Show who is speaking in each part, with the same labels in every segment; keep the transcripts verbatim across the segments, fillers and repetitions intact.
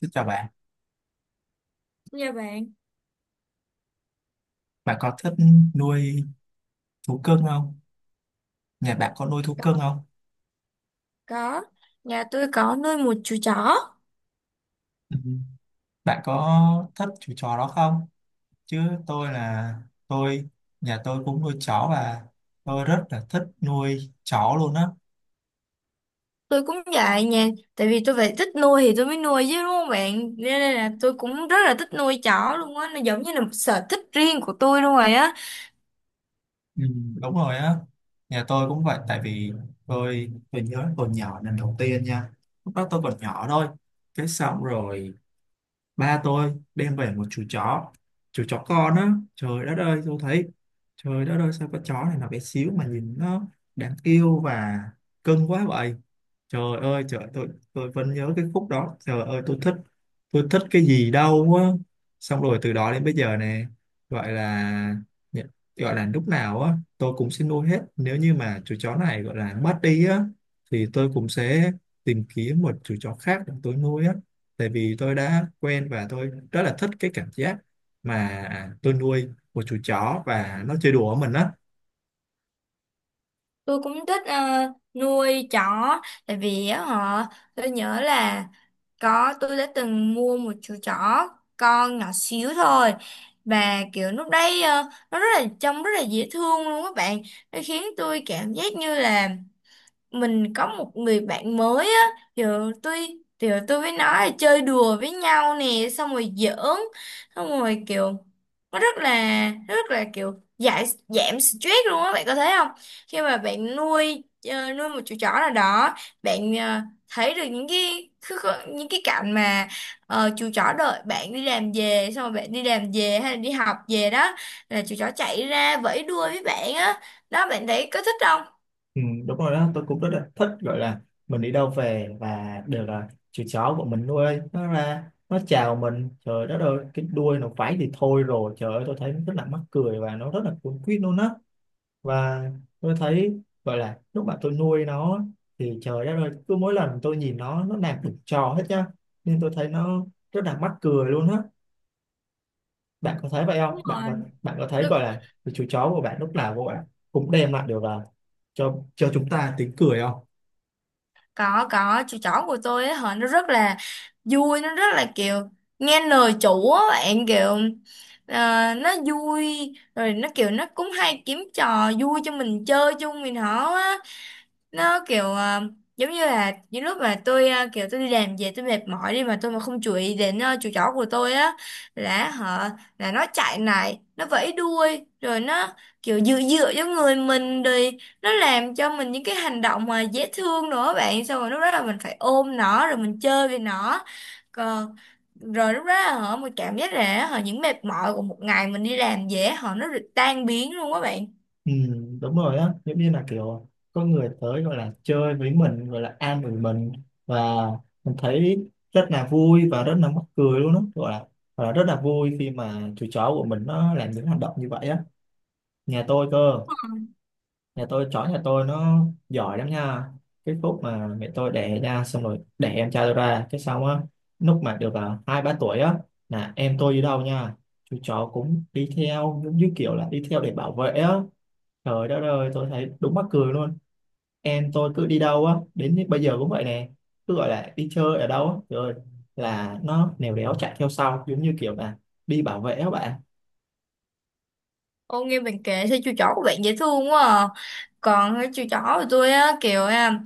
Speaker 1: Xin chào bạn,
Speaker 2: Dạ bạn,
Speaker 1: bạn có thích nuôi thú cưng không? Nhà bạn có nuôi thú cưng không?
Speaker 2: có. Nhà tôi có nuôi một chú chó.
Speaker 1: Ừ. Bạn có thích chú chó đó không? Chứ tôi là tôi, nhà tôi cũng nuôi chó và tôi rất là thích nuôi chó luôn á.
Speaker 2: Tôi cũng vậy nha. Tại vì tôi phải thích nuôi thì tôi mới nuôi chứ đúng không bạn? Nên đây là tôi cũng rất là thích nuôi chó luôn á. Nó giống như là một sở thích riêng của tôi luôn rồi á.
Speaker 1: Ừ. Đúng rồi á, nhà tôi cũng vậy tại vì tôi tôi nhớ tôi nhỏ lần đầu tiên nha. Lúc đó tôi còn nhỏ thôi. Cái xong rồi ba tôi đem về một chú chó, chú chó con á. Trời đất ơi, tôi thấy trời đất ơi sao con chó này nó bé xíu mà nhìn nó đáng yêu và cưng quá vậy. Trời ơi, trời tôi tôi vẫn nhớ cái khúc đó. Trời ơi, tôi thích tôi thích cái gì đâu á. Xong rồi từ đó đến bây giờ nè, gọi là nhận- gọi là lúc nào á tôi cũng sẽ nuôi hết. Nếu như mà chú chó này gọi là mất đi á thì tôi cũng sẽ tìm kiếm một chú chó khác để tôi nuôi á. Tại vì tôi đã quen và tôi rất là thích cái cảm giác mà tôi nuôi một chú chó và nó chơi đùa với mình á.
Speaker 2: Tôi cũng thích ờ, nuôi chó. Tại vì á họ, tôi nhớ là có tôi đã từng mua một chú chó con nhỏ xíu thôi. Và kiểu lúc đấy ờ, nó rất là trông rất là dễ thương luôn các bạn. Nó khiến tôi cảm giác như là mình có một người bạn mới á giờ tôi thì tôi với nó là chơi đùa với nhau nè xong rồi giỡn xong rồi kiểu nó rất là rất là kiểu giải giảm stress luôn á, bạn có thấy không? Khi mà bạn nuôi ờ, nuôi một chú chó nào đó bạn ờ, thấy được những cái cứ có- những cái cảnh mà ờ, chú chó đợi bạn đi làm về, xong rồi bạn đi làm về hay là đi học về đó là chú chó chạy ra vẫy đuôi với bạn á, đó bạn thấy có thích không?
Speaker 1: Ừ, đúng rồi đó, tôi cũng rất là thích gọi là mình đi đâu về và đều là chú chó của mình nuôi nó ra nó chào mình, trời đất ơi cái đuôi nó vẫy thì thôi rồi, trời ơi tôi thấy nó rất là mắc cười và nó rất là cuốn quýt luôn á. Và tôi thấy gọi là lúc mà tôi nuôi nó thì trời đất ơi cứ mỗi lần tôi nhìn nó nó làm được trò hết nhá, nên tôi thấy nó rất là mắc cười luôn á. Bạn có thấy vậy không,
Speaker 2: Đúng
Speaker 1: bạn có bạn có thấy
Speaker 2: rồi,
Speaker 1: gọi là chú chó của bạn lúc nào của bạn cũng đem lại được là cho cho chúng ta tiếng cười không?
Speaker 2: có. Có chú chó của tôi ấy hả, nó rất là vui, nó rất là kiểu nghe lời chủ á bạn, kiểu ờ, nó vui rồi nó kiểu nó cũng hay kiếm trò vui cho mình chơi chung mình họ á. Nó kiểu ờ, giống như là những lúc mà tôi ờ, kiểu tôi đi làm về tôi mệt mỏi đi mà tôi mà không chú ý đến ờ, chú chó của tôi á là họ là nó chạy lại nó vẫy đuôi rồi nó kiểu dựa dựa cho người mình rồi nó làm cho mình những cái hành động mà dễ thương nữa bạn, xong rồi lúc đó là mình phải ôm nó rồi mình chơi với nó. Còn rồi lúc đó là họ mình cảm giác là họ những mệt mỏi của một ngày mình đi làm dễ họ nó được tan biến luôn á bạn.
Speaker 1: Ừ, đúng rồi á, giống như là kiểu có người tới gọi là chơi với mình gọi là an ủi mình và mình thấy rất là vui và rất là mắc cười luôn á, gọi là, gọi là rất là vui khi mà chú chó của mình nó làm những hành động như vậy á. nhà tôi cơ nhà tôi chó nhà tôi nó giỏi lắm nha, cái phút mà mẹ tôi đẻ ra xong rồi đẻ em trai tôi ra cái xong á, lúc mà được à, hai ba tuổi á, là em tôi đi đâu nha chú chó cũng đi theo giống như kiểu là đi theo để bảo vệ á. Trời đất ơi tôi thấy đúng mắc cười luôn. Em tôi cứ đi đâu á đến bây giờ cũng vậy nè, cứ gọi là đi chơi ở đâu á rồi là nó lèo đéo chạy theo sau giống như kiểu là đi bảo vệ á bạn.
Speaker 2: Ô nghe bạn kể sao chú chó của bạn dễ thương quá à. Còn cái chú chó của tôi á kiểu à,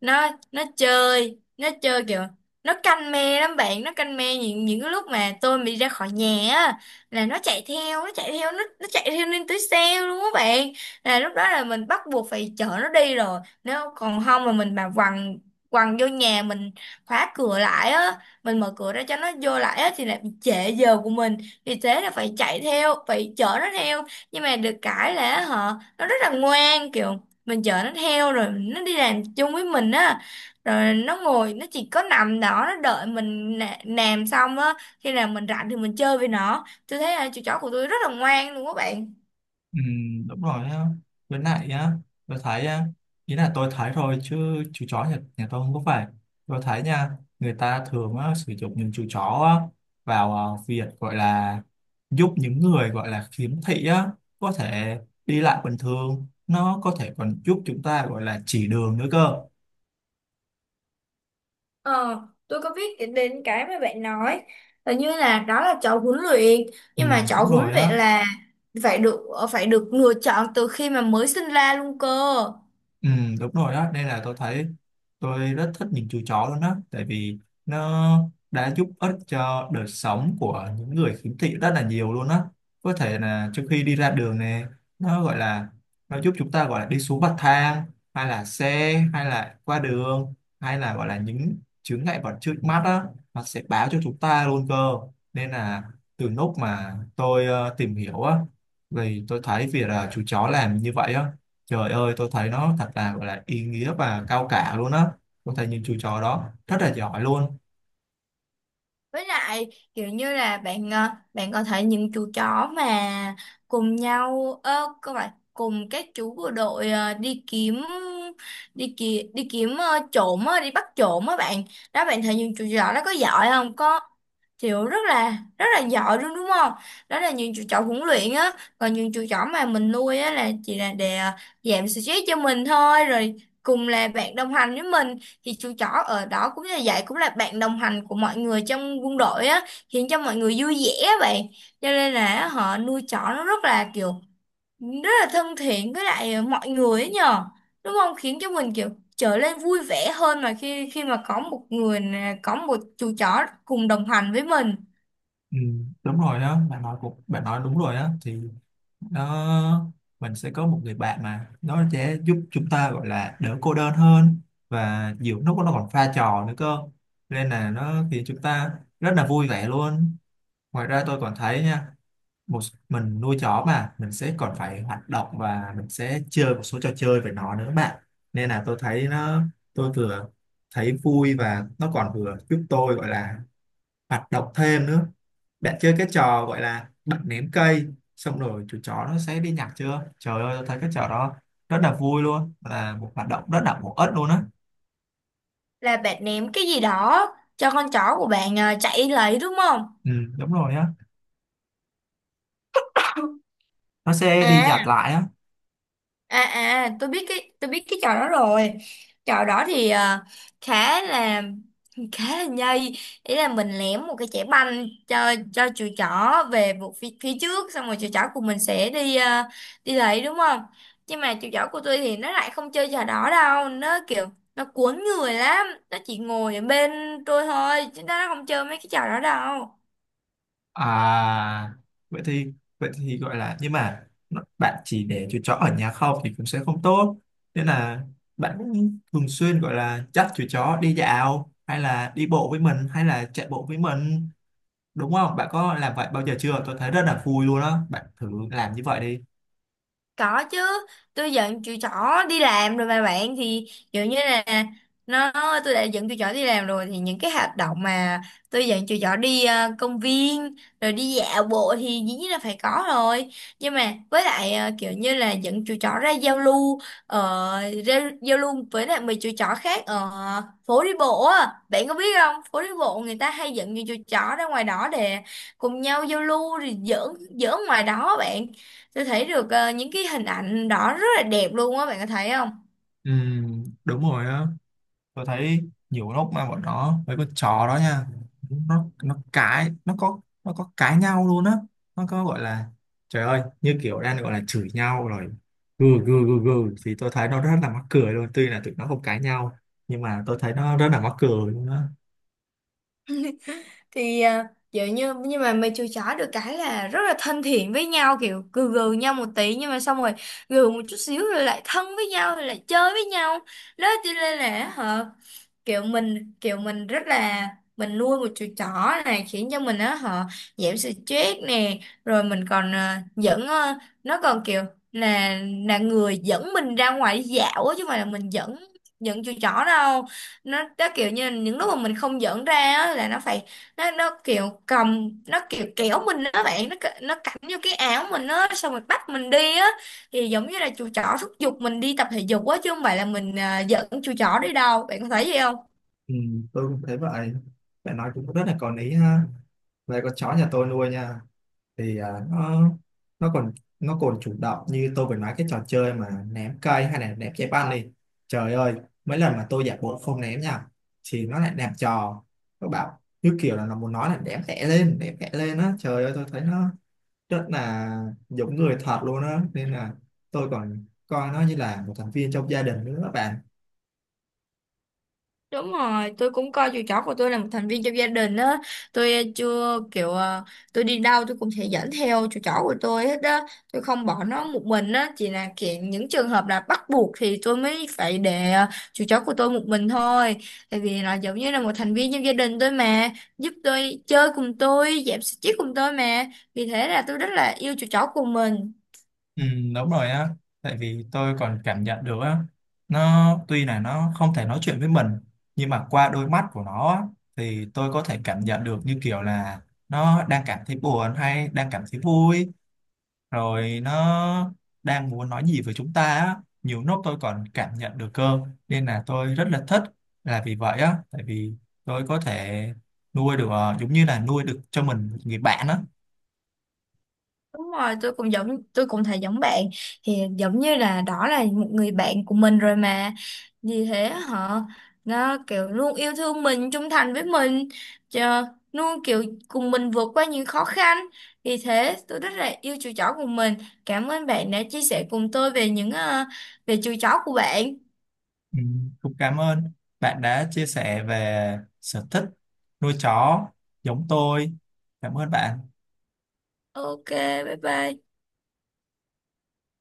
Speaker 2: nó nó chơi nó chơi kiểu nó canh me lắm bạn, nó canh me những những cái lúc mà tôi bị ra khỏi nhà á là nó chạy theo, nó chạy theo, nó nó chạy theo lên tới xe luôn á bạn, là lúc đó là mình bắt buộc phải chở nó đi rồi. Nếu còn không mà mình mà quằn quằn vô nhà mình khóa cửa lại á, mình mở cửa ra cho nó vô lại á thì lại bị trễ giờ của mình, vì thế là phải chạy theo, phải chở nó theo. Nhưng mà được cái là họ nó rất là ngoan, kiểu mình chở nó theo rồi nó đi làm chung với mình á, rồi nó ngồi nó chỉ có nằm đó nó đợi mình nà- làm xong á, khi nào mình rảnh thì mình chơi với nó. Tôi thấy là chú chó của tôi rất là ngoan luôn các bạn.
Speaker 1: Ừ, đúng rồi á, với lại á tôi thấy á, ý là tôi thấy thôi chứ chú chó nhà, nhà tôi không có phải, tôi thấy nha người ta thường á, sử dụng những chú chó á, vào ờ, việc gọi là giúp những người gọi là khiếm thị á có thể đi lại bình thường, nó có thể còn giúp chúng ta gọi là chỉ đường nữa cơ.
Speaker 2: Ờ tôi có biết đến đến cái mà bạn nói là như là đó là chó huấn luyện.
Speaker 1: Ừ,
Speaker 2: Nhưng mà chó
Speaker 1: đúng
Speaker 2: huấn
Speaker 1: rồi
Speaker 2: luyện
Speaker 1: á.
Speaker 2: là phải được, phải được lựa chọn từ khi mà mới sinh ra luôn cơ.
Speaker 1: Ừ, đúng rồi đó, nên là tôi thấy tôi rất thích những chú chó luôn đó, tại vì nó đã giúp ích cho đời sống của những người khiếm thị rất là nhiều luôn đó. Có thể là trước khi đi ra đường này, nó gọi là nó giúp chúng ta gọi là đi xuống bậc thang, hay là xe, hay là qua đường, hay là gọi là những chướng ngại vật trước mắt đó, nó sẽ báo cho chúng ta luôn cơ. Nên là từ lúc mà tôi ờ, tìm hiểu á, thì tôi thấy việc là chú chó làm như vậy á, trời ơi, tôi thấy nó thật là gọi là ý nghĩa và cao cả luôn á. Tôi thấy những chú chó đó rất là giỏi luôn.
Speaker 2: Với lại kiểu như là bạn ờ, bạn có thể những chú chó mà cùng nhau ơ các bạn cùng các chú bộ đội ờ, đi kiếm, đi ki, đi kiếm ờ, trộm á, đi bắt trộm á bạn. Đó bạn thấy những chú chó đó có giỏi không? Có, kiểu rất là rất là giỏi luôn đúng không? Đó là những chú chó huấn luyện á, còn những chú chó mà mình nuôi á là chỉ là để ờ, giảm stress cho mình thôi, rồi cùng là bạn đồng hành với mình. Thì chú chó ở đó cũng như vậy, cũng là bạn đồng hành của mọi người trong quân đội á, khiến cho mọi người vui vẻ á bạn. Cho nên là họ nuôi chó nó rất là kiểu rất là thân thiện với lại mọi người ấy nhờ, đúng không? Khiến cho mình kiểu trở nên vui vẻ hơn mà, khi khi mà có một người nè, có một chú chó cùng đồng hành với mình.
Speaker 1: Ừ, đúng rồi đó, bạn nói cũng bạn nói đúng rồi đó, thì nó mình sẽ có một người bạn mà nó sẽ giúp chúng ta gọi là đỡ cô đơn hơn, và nhiều lúc nó còn pha trò nữa cơ. Nên là nó khiến chúng ta rất là vui vẻ luôn. Ngoài ra tôi còn thấy nha, một mình nuôi chó mà mình sẽ còn phải hoạt động và mình sẽ chơi một số trò chơi với nó nữa bạn, nên là tôi thấy nó, tôi vừa thấy vui và nó còn vừa giúp tôi gọi là hoạt động thêm nữa. Bạn chơi cái trò gọi là bạn ném cây xong rồi chú chó nó sẽ đi nhặt chưa, trời ơi tôi thấy cái trò đó rất là vui luôn, là một hoạt động rất là bổ ích luôn á.
Speaker 2: Là bạn ném cái gì đó cho con chó của bạn à, chạy lấy đúng không?
Speaker 1: Ừ, đúng rồi á, nó sẽ đi nhặt
Speaker 2: À
Speaker 1: lại á.
Speaker 2: à, à tôi biết cái, tôi biết cái trò đó rồi. Trò đó thì à, khá là khá là nhây, ý là mình ném một cái chẻ banh cho cho chú chó về một phía, phía trước xong rồi chú chó của mình sẽ đi à, đi lấy đúng không? Nhưng mà chú chó của tôi thì nó lại không chơi trò đó đâu, nó kiểu nó cuốn người lắm, nó chỉ ngồi ở bên tôi thôi chứ nó không chơi mấy cái trò đó đâu.
Speaker 1: À, vậy thì vậy thì gọi là nhưng mà nó- bạn chỉ để chú chó ở nhà không thì cũng sẽ không tốt. Nên là bạn cũng thường xuyên gọi là dắt chú chó đi dạo hay là đi bộ với mình hay là chạy bộ với mình đúng không? Bạn có làm vậy bao giờ chưa? Tôi thấy rất là vui luôn á. Bạn thử làm như vậy đi.
Speaker 2: Có chứ, tôi dẫn chị trỏ đi làm rồi mà bạn, thì dụ như là nó tôi đã dẫn chị trỏ đi làm rồi thì những cái hoạt động mà tôi dẫn chị trỏ đi ờ, công viên rồi đi dạo bộ thì dĩ nhiên là phải có rồi. Nhưng mà với lại ờ, kiểu như là dẫn chị trỏ ra giao lưu ờ, ra giao lưu với lại mấy chị trỏ khác ở phố đi bộ á. Bạn có biết không? Phố đi bộ người ta hay dẫn những chú trỏ ra ngoài đó để cùng nhau giao lưu rồi giỡn giỡn ngoài đó bạn, tôi thấy được ờ, những cái hình ảnh đó rất là đẹp luôn á, bạn có thấy không?
Speaker 1: Ừ, đúng rồi á. Tôi thấy nhiều lúc mà bọn nó với con chó đó nha, nó nó cãi nó có nó có cãi nhau luôn á, nó có gọi là, trời ơi như kiểu đang gọi là chửi nhau rồi, gừ gừ gừ gừ, thì tôi thấy nó rất là mắc cười luôn, tuy là tụi nó không cãi nhau nhưng mà tôi thấy nó rất là mắc cười luôn á.
Speaker 2: Thì à, kiểu như nhưng mà mày chui chó được cái là rất là thân thiện với nhau, kiểu gừ gừ nhau một tí nhưng mà xong rồi gừ một chút xíu rồi lại thân với nhau rồi lại chơi với nhau. Đó cho nên là hả, kiểu mình kiểu mình rất là mình nuôi một chú chó này khiến cho mình á họ giảm stress nè, rồi mình còn à, dẫn à, nó còn kiểu là là người dẫn mình ra ngoài đi dạo á chứ không phải là mình dẫn, dẫn chú chó đâu. Nó đó kiểu như những lúc mà mình không dẫn ra á là nó phải, nó nó kiểu cầm nó kiểu kéo mình đó bạn, nó c- nó cắm vô cái áo mình á xong rồi bắt mình đi á, thì giống như là chú chó thúc giục mình đi tập thể dục á chứ không phải là mình à, dẫn chú chó đi đâu, bạn có thấy gì không?
Speaker 1: Ừ, tôi cũng thấy vậy, phải nói cũng rất là có lý ha. Đây con chó nhà tôi nuôi nha, thì à, nó nó còn nó còn chủ động như tôi vừa nói cái trò chơi mà ném cây hay là ném trái banh đi, trời ơi mấy lần mà tôi giả bộ không ném nha thì nó lại ném trò, nó bảo như kiểu là nó muốn nói là ném tẻ lên ném tẻ lên á, trời ơi tôi thấy nó rất là giống người thật luôn á, nên là tôi còn coi nó như là một thành viên trong gia đình nữa bạn.
Speaker 2: Đúng rồi, tôi cũng coi chú chó của tôi là một thành viên trong gia đình á. Tôi ờ, chưa kiểu ờ, tôi đi đâu tôi cũng sẽ dẫn theo chú chó của tôi hết á. Tôi không bỏ nó một mình á, chỉ là kiểu những trường hợp là bắt buộc thì tôi mới phải để ờ, chú chó của tôi một mình thôi. Tại vì nó giống như là một thành viên trong gia đình tôi mà, giúp tôi chơi cùng tôi, giảm stress cùng tôi mà. Vì thế là tôi rất là yêu chú chó của mình.
Speaker 1: Ừ, đúng rồi á, tại vì tôi còn cảm nhận được á, nó tuy là nó không thể nói chuyện với mình nhưng mà qua đôi mắt của nó á, thì tôi có thể cảm nhận được như kiểu là nó đang cảm thấy buồn hay đang cảm thấy vui, rồi nó đang muốn nói gì với chúng ta á, nhiều lúc tôi còn cảm nhận được cơ. Nên là tôi rất là thích là vì vậy á, tại vì tôi có thể nuôi được ờ, giống như là nuôi được cho mình một người bạn á.
Speaker 2: Đúng rồi, tôi cũng giống, tôi cũng thấy giống bạn, thì giống như là đó là một người bạn của mình rồi mà, vì thế họ nó kiểu luôn yêu thương mình, trung thành với mình chờ, luôn kiểu cùng mình vượt qua những khó khăn, vì thế tôi rất là yêu chú chó của mình. Cảm ơn bạn đã chia sẻ cùng tôi về những ờ, về chú chó của bạn.
Speaker 1: Ừ, cũng cảm ơn bạn đã chia sẻ về sở thích nuôi chó giống tôi. Cảm ơn bạn.
Speaker 2: OK, bye bye.